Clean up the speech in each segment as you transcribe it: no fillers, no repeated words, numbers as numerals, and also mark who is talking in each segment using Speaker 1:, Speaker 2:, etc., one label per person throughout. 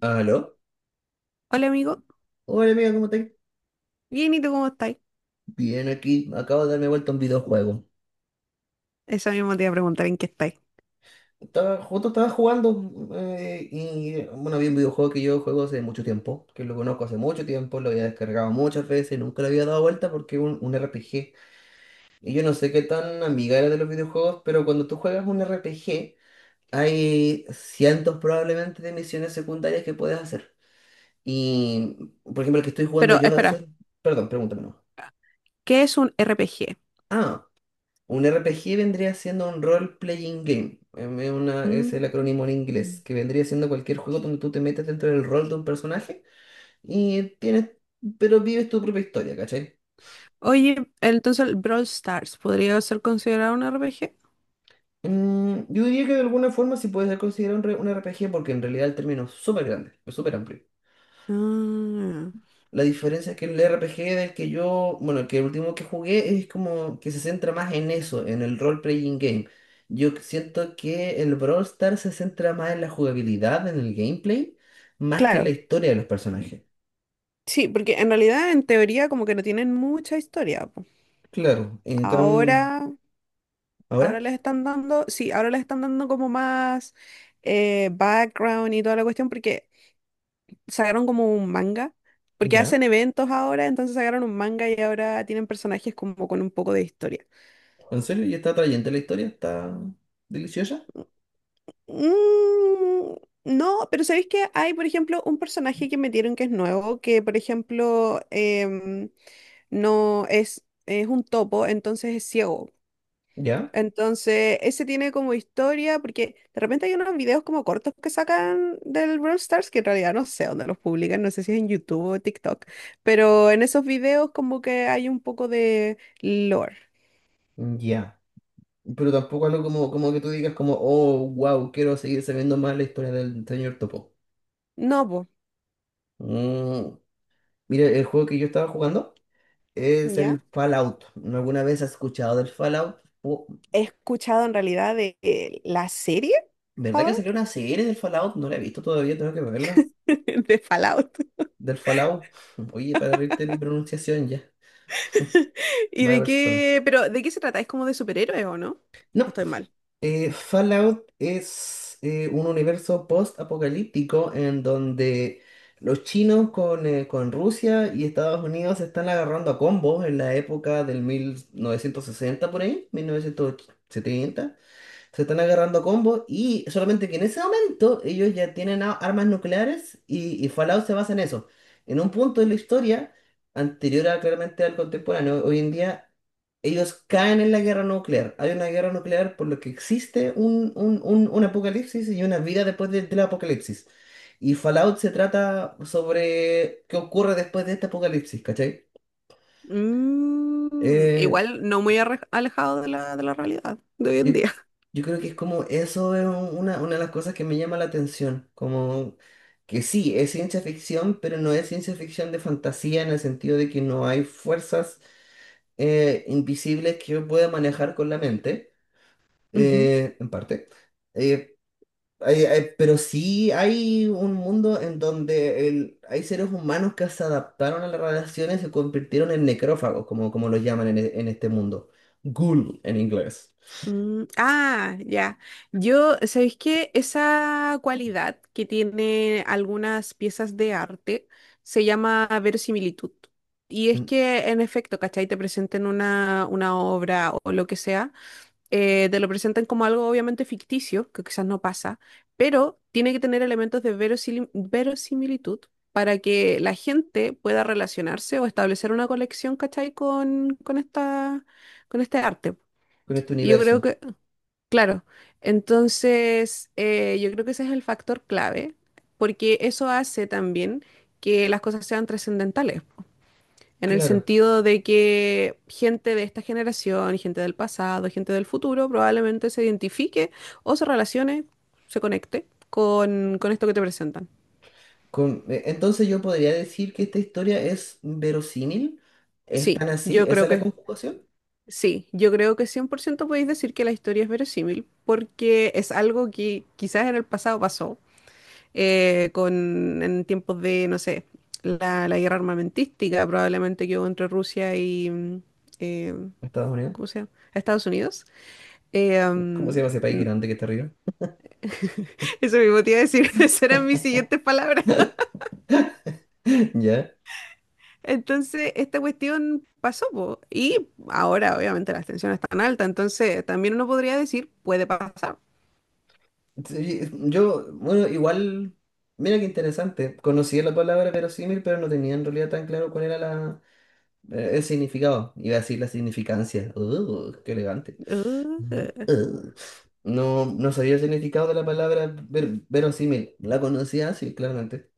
Speaker 1: ¿Aló?
Speaker 2: Hola amigo,
Speaker 1: Hola amiga, ¿cómo estás?
Speaker 2: bien, ¿y tú cómo estáis?
Speaker 1: Bien, aquí acabo de darme vuelta a un videojuego.
Speaker 2: Eso mismo te iba a preguntar en qué estáis.
Speaker 1: Justo estaba jugando y bueno, había un videojuego que yo juego hace mucho tiempo, que lo conozco hace mucho tiempo, lo había descargado muchas veces, nunca le había dado vuelta porque es un RPG. Y yo no sé qué tan amiga era de los videojuegos, pero cuando tú juegas un RPG, hay cientos probablemente de misiones secundarias que puedes hacer. Y, por ejemplo, el que estoy jugando
Speaker 2: Pero
Speaker 1: yo es
Speaker 2: espera,
Speaker 1: el. Perdón, pregúntame. No.
Speaker 2: ¿qué es un RPG?
Speaker 1: Ah, un RPG vendría siendo un role-playing game. Es
Speaker 2: Mm.
Speaker 1: el acrónimo en inglés, que vendría siendo cualquier juego donde tú te metes dentro del rol de un personaje y tienes, pero vives tu propia historia, ¿cachai?
Speaker 2: Oye, ¿entonces el Brawl Stars podría ser considerado un RPG?
Speaker 1: Mm, yo diría que de alguna forma sí puede ser considerado un RPG porque en realidad el término es súper grande, es súper amplio.
Speaker 2: Ah,
Speaker 1: La diferencia es que el RPG del que yo, bueno, el último que jugué es como que se centra más en eso, en el role-playing game. Yo siento que el Brawl Stars se centra más en la jugabilidad, en el gameplay, más que en la
Speaker 2: claro,
Speaker 1: historia de los personajes.
Speaker 2: sí, porque en realidad en teoría como que no tienen mucha historia, po.
Speaker 1: Claro, en cam
Speaker 2: Ahora, ahora
Speaker 1: ahora.
Speaker 2: les están dando, sí, ahora les están dando como más background y toda la cuestión, porque sacaron como un manga, porque
Speaker 1: Ya.
Speaker 2: hacen eventos ahora, entonces sacaron un manga y ahora tienen personajes como con un poco de historia.
Speaker 1: ¿En serio? ¿Y está atrayente la historia? ¿Está deliciosa?
Speaker 2: Mm, no, pero ¿sabéis que hay, por ejemplo, un personaje que metieron que es nuevo, que por ejemplo em, no es, es un topo, entonces es ciego?
Speaker 1: Ya,
Speaker 2: Entonces, ese tiene como historia, porque de repente hay unos videos como cortos que sacan del Brawl Stars, que en realidad no sé dónde los publican, no sé si es en YouTube o TikTok, pero en esos videos como que hay un poco de lore.
Speaker 1: ya. Pero tampoco algo como que tú digas como, oh, wow, quiero seguir sabiendo más la historia del señor Topo.
Speaker 2: No, po.
Speaker 1: Mm, Mira, el juego que yo estaba jugando. Es
Speaker 2: ¿Ya?
Speaker 1: el Fallout. ¿No? ¿Alguna vez has escuchado del Fallout? Oh,
Speaker 2: He escuchado en realidad de la serie
Speaker 1: ¿verdad que salió
Speaker 2: Fallout,
Speaker 1: una serie del Fallout? No la he visto todavía, tengo que verla.
Speaker 2: de Fallout.
Speaker 1: Del Fallout. Oye, para reírte de mi pronunciación ya.
Speaker 2: ¿Y
Speaker 1: Mala
Speaker 2: de
Speaker 1: persona.
Speaker 2: qué, pero de qué se trata? ¿Es como de superhéroes o no? ¿O
Speaker 1: No,
Speaker 2: estoy mal?
Speaker 1: Fallout es un universo post-apocalíptico en donde los chinos con Rusia y Estados Unidos se están agarrando a combos en la época del 1960 por ahí, 1970. Se están agarrando a combos y solamente que en ese momento ellos ya tienen armas nucleares y Fallout se basa en eso. En un punto de la historia, anterior a, claramente al contemporáneo, hoy en día ellos caen en la guerra nuclear. Hay una guerra nuclear por lo que existe un apocalipsis y una vida después del apocalipsis. Y Fallout se trata sobre qué ocurre después de este apocalipsis, ¿cachai?
Speaker 2: Mm,
Speaker 1: Eh,
Speaker 2: igual no muy alejado de la realidad de hoy en
Speaker 1: Yo,
Speaker 2: día.
Speaker 1: yo creo que es como eso es una de las cosas que me llama la atención, como que sí, es ciencia ficción, pero no es ciencia ficción de fantasía en el sentido de que no hay fuerzas invisibles que yo pueda manejar con la mente,
Speaker 2: Ujú.
Speaker 1: en parte. Eh, pero sí hay un mundo en donde hay seres humanos que se adaptaron a las radiaciones y se convirtieron en necrófagos, como los llaman en este mundo. Ghoul en inglés.
Speaker 2: Mm, ah, ya. Yo, ¿sabéis qué? Esa cualidad que tiene algunas piezas de arte se llama verosimilitud. Y es
Speaker 1: Mm,
Speaker 2: que, en efecto, ¿cachai? Te presenten una obra o lo que sea, te lo presentan como algo obviamente ficticio, que quizás no pasa, pero tiene que tener elementos de verosimilitud para que la gente pueda relacionarse o establecer una conexión, ¿cachai? Con esta, con este arte.
Speaker 1: Con este
Speaker 2: Y yo creo
Speaker 1: universo.
Speaker 2: que, claro, entonces yo creo que ese es el factor clave, porque eso hace también que las cosas sean trascendentales, po, en el
Speaker 1: Claro.
Speaker 2: sentido de que gente de esta generación, gente del pasado, gente del futuro, probablemente se identifique o se relacione, se conecte con esto que te presentan.
Speaker 1: Entonces yo podría decir que esta historia es verosímil. ¿Es
Speaker 2: Sí,
Speaker 1: tan así?
Speaker 2: yo
Speaker 1: ¿Esa
Speaker 2: creo
Speaker 1: es la
Speaker 2: que,
Speaker 1: conjugación?
Speaker 2: sí, yo creo que 100% podéis decir que la historia es verosímil, porque es algo que quizás en el pasado pasó con, en tiempos de, no sé, la guerra armamentística probablemente que hubo entre Rusia y, eh,
Speaker 1: Estados Unidos.
Speaker 2: ¿cómo se llama? Estados Unidos. Eh,
Speaker 1: ¿Cómo se
Speaker 2: mm,
Speaker 1: llama ese país grande que está arriba?
Speaker 2: eso mismo te iba a decir, esas eran mis siguientes palabras.
Speaker 1: Ya.
Speaker 2: Entonces, esta cuestión pasó, po, y ahora obviamente las tensiones están altas, entonces también uno podría decir, puede pasar.
Speaker 1: Sí, bueno, igual, mira qué interesante. Conocía la palabra verosímil, pero no tenía en realidad tan claro cuál era la. El significado, iba a decir la significancia. Qué elegante. Ujú.
Speaker 2: Uh,
Speaker 1: No, no sabía el significado de la palabra verosímil. La conocía, sí, claramente.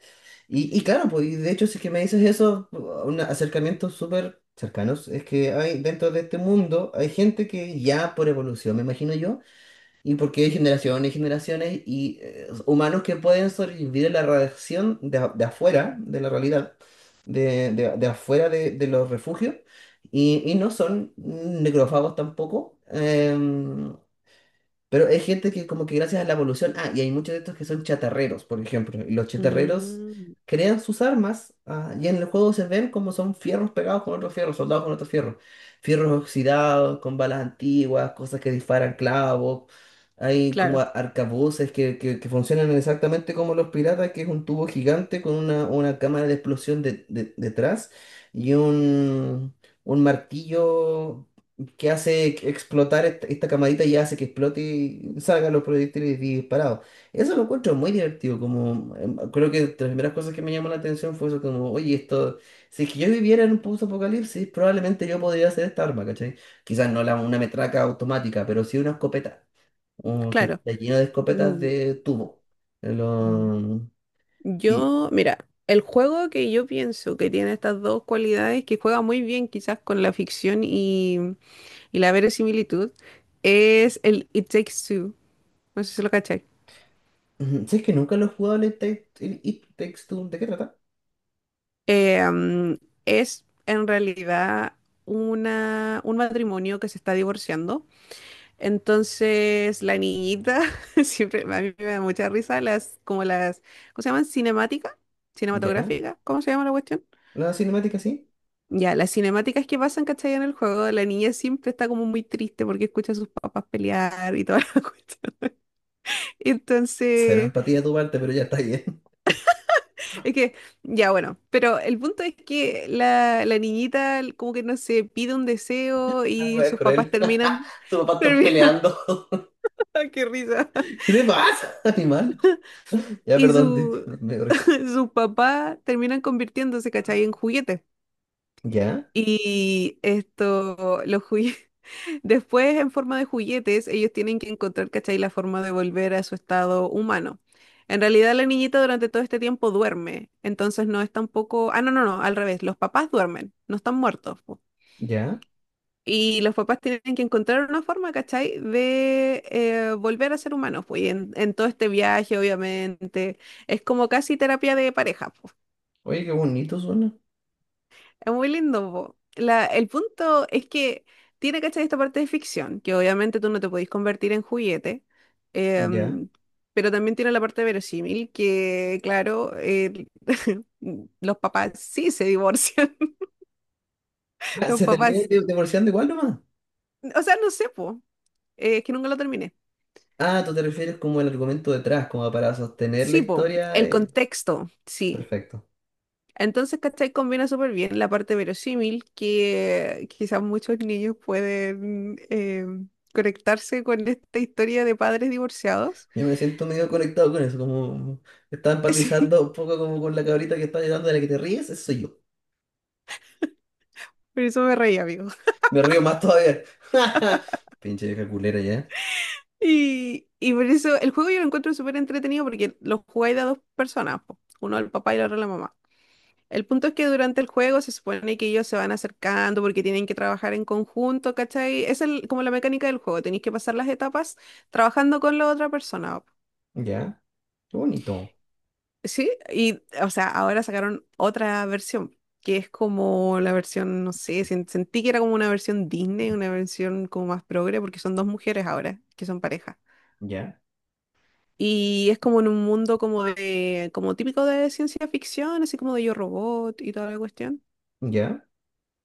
Speaker 1: Y claro, pues, y de hecho, si es que me dices eso, un acercamiento súper cercanos, es que hay dentro de este mundo, hay gente que ya por evolución, me imagino yo y porque hay generaciones y generaciones y humanos que pueden sobrevivir a la radiación de afuera, de la realidad, de afuera de los refugios, y no son necrófagos tampoco. Pero hay gente que como que gracias a la evolución, ah, y hay muchos de estos que son chatarreros, por ejemplo, y los chatarreros
Speaker 2: mm,
Speaker 1: crean sus armas, ah, y en el juego se ven como son fierros pegados con otros fierros, soldados con otros fierros, fierros oxidados, con balas antiguas, cosas que disparan clavos, hay como
Speaker 2: claro,
Speaker 1: arcabuces que funcionan exactamente como los piratas, que es un tubo gigante con una cámara de explosión detrás y un martillo que hace explotar esta camadita y hace que explote y salgan los proyectiles disparados. Eso lo encuentro muy divertido, como creo que de las primeras cosas que me llamó la atención fue eso, como, oye, esto, si es que yo viviera en un post-apocalipsis, probablemente yo podría hacer esta arma, ¿cachai? Quizás no una metraca automática, pero sí una escopeta, o que
Speaker 2: claro.
Speaker 1: está lleno de escopetas de tubo. Eh,
Speaker 2: Mm,
Speaker 1: lo- y
Speaker 2: Yo, mira, el juego que yo pienso que tiene estas dos cualidades, que juega muy bien quizás con la ficción y la verosimilitud, es el It Takes Two. No sé si lo cachai.
Speaker 1: Ujú, si es que nunca lo he jugado el It Takes Two, ¿de qué trata?
Speaker 2: Eh, mm, es en realidad una, un matrimonio que se está divorciando. Entonces, la niñita, siempre a mí me da mucha risa las, como las, ¿cómo se llaman? Cinemática,
Speaker 1: ¿Ya?
Speaker 2: cinematográfica, ¿cómo se llama la cuestión?
Speaker 1: ¿La cinemática sí?
Speaker 2: Ya, las cinemáticas que pasan, ¿cachai? En el juego, la niña siempre está como muy triste porque escucha a sus papás pelear y toda la cuestión.
Speaker 1: Cero
Speaker 2: Entonces,
Speaker 1: empatía de tu parte, pero ya está ahí.
Speaker 2: es que, ya bueno, pero el punto es que la niñita como que no sé, pide un deseo
Speaker 1: La
Speaker 2: y
Speaker 1: wea es
Speaker 2: sus papás
Speaker 1: cruel.
Speaker 2: terminan,
Speaker 1: Tu papá están
Speaker 2: terminan,
Speaker 1: peleando.
Speaker 2: qué risa.
Speaker 1: ¿Qué te pasa, animal? Ya,
Speaker 2: Y
Speaker 1: perdón, te-
Speaker 2: su,
Speaker 1: me, me dio risa.
Speaker 2: sus papás terminan convirtiéndose, ¿cachai? En juguetes.
Speaker 1: Ya,
Speaker 2: Y esto, los juguetes. Después, en forma de juguetes, ellos tienen que encontrar, ¿cachai? La forma de volver a su estado humano. En realidad, la niñita durante todo este tiempo duerme, entonces no es tampoco... Ah, no, no, no, al revés, los papás duermen, no están muertos, po.
Speaker 1: ya.
Speaker 2: Y los papás tienen que encontrar una forma, ¿cachai? De volver a ser humanos, pues. Y en todo este viaje, obviamente, es como casi terapia de pareja.
Speaker 1: Oye, qué bonito suena.
Speaker 2: Es muy lindo, po. La- el punto es que tiene, ¿cachai? Esta parte de ficción, que obviamente tú no te podís convertir en juguete,
Speaker 1: Ya.
Speaker 2: em, pero también tiene la parte verosímil, que claro, el- los papás sí se divorcian,
Speaker 1: Ah,
Speaker 2: los
Speaker 1: se termina
Speaker 2: papás,
Speaker 1: divorciando igual nomás.
Speaker 2: o sea, no sé, po, es que nunca lo terminé.
Speaker 1: Ah, tú te refieres como el argumento detrás, como para sostener la
Speaker 2: Sí, po,
Speaker 1: historia.
Speaker 2: el contexto, sí.
Speaker 1: Perfecto.
Speaker 2: Entonces, ¿cachai? Combina súper bien la parte verosímil que quizás muchos niños pueden conectarse con esta historia de padres divorciados.
Speaker 1: Yo me siento medio conectado con eso, como estaba
Speaker 2: Sí,
Speaker 1: empatizando un poco como con la cabrita que está llorando de la que te ríes, eso soy yo.
Speaker 2: por eso me reí, amigo.
Speaker 1: Me río más todavía. Pinche vieja culera ya.
Speaker 2: Y por eso el juego yo lo encuentro súper entretenido porque lo jugáis de a dos personas, po. Uno el papá y la otra la mamá. El punto es que durante el juego se supone que ellos se van acercando porque tienen que trabajar en conjunto, ¿cachai? Esa es el- como la mecánica del juego, tenéis que pasar las etapas trabajando con la otra persona.
Speaker 1: Ya. Qué bonito.
Speaker 2: Sí, y o sea, ahora sacaron otra versión, que es como la versión, no sé, sentí que era como una versión Disney, una versión como más progre, porque son dos mujeres ahora, que son pareja.
Speaker 1: Ya.
Speaker 2: Y es como en un mundo como de, como típico de ciencia ficción, así como de Yo Robot y toda la cuestión.
Speaker 1: Ya.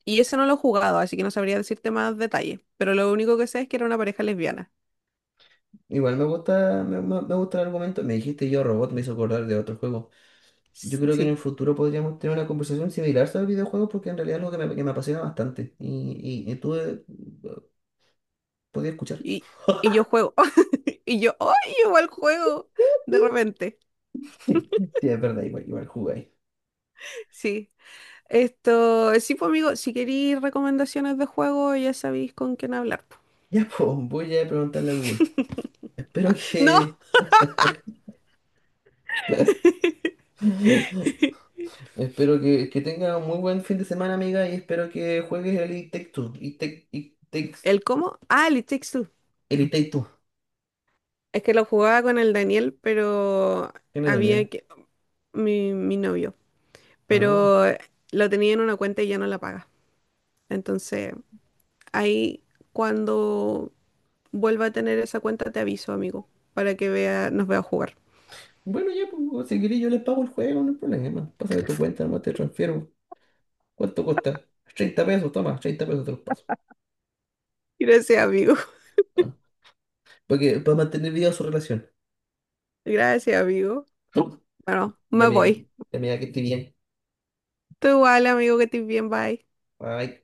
Speaker 2: Y ese no lo he jugado, así que no sabría decirte más detalles, pero lo único que sé es que era una pareja lesbiana.
Speaker 1: Igual me gusta, me gusta el argumento. Me dijiste yo robot, me hizo acordar de otro juego. Yo
Speaker 2: S-
Speaker 1: creo que en el
Speaker 2: Sí,
Speaker 1: futuro podríamos tener una conversación similar sobre videojuegos porque en realidad es algo que me apasiona bastante. Y tú podías escuchar.
Speaker 2: y, y yo juego, y yo, ¡ay, igual juego! De repente,
Speaker 1: Sí, sí, es verdad, igual, igual jugáis.
Speaker 2: sí. Esto, sí, pues amigo, si queréis recomendaciones de juego, ya sabéis con quién hablar, po.
Speaker 1: Ya, pues, voy a preguntarle a Google. Espero
Speaker 2: No,
Speaker 1: que. Espero que tenga un muy buen fin de semana, amiga, y espero que juegues el It Takes Two. It Take- It Takes-
Speaker 2: ¿el cómo? Ah, el It Takes Two.
Speaker 1: el It Takes Two.
Speaker 2: Es que lo jugaba con el Daniel, pero
Speaker 1: ¿Quién es
Speaker 2: había
Speaker 1: Daniel?
Speaker 2: que... mi novio.
Speaker 1: Ah.
Speaker 2: Pero lo tenía en una cuenta y ya no la paga. Entonces, ahí cuando vuelva a tener esa cuenta te aviso, amigo, para que vea, nos vea jugar.
Speaker 1: Bueno, ya, pues, si querés yo les pago el juego, no hay problema. Pásame tu cuenta, nomás te transfiero. ¿Cuánto cuesta? 30 pesos, toma, 30 pesos te los paso.
Speaker 2: Gracias, amigo.
Speaker 1: Ah, porque para mantener viva su relación.
Speaker 2: Gracias, amigo. Bueno,
Speaker 1: Ya,
Speaker 2: me
Speaker 1: amiga,
Speaker 2: voy.
Speaker 1: ya, amiga, que esté bien.
Speaker 2: Tú igual, amigo, que estés bien, bye.
Speaker 1: Bye.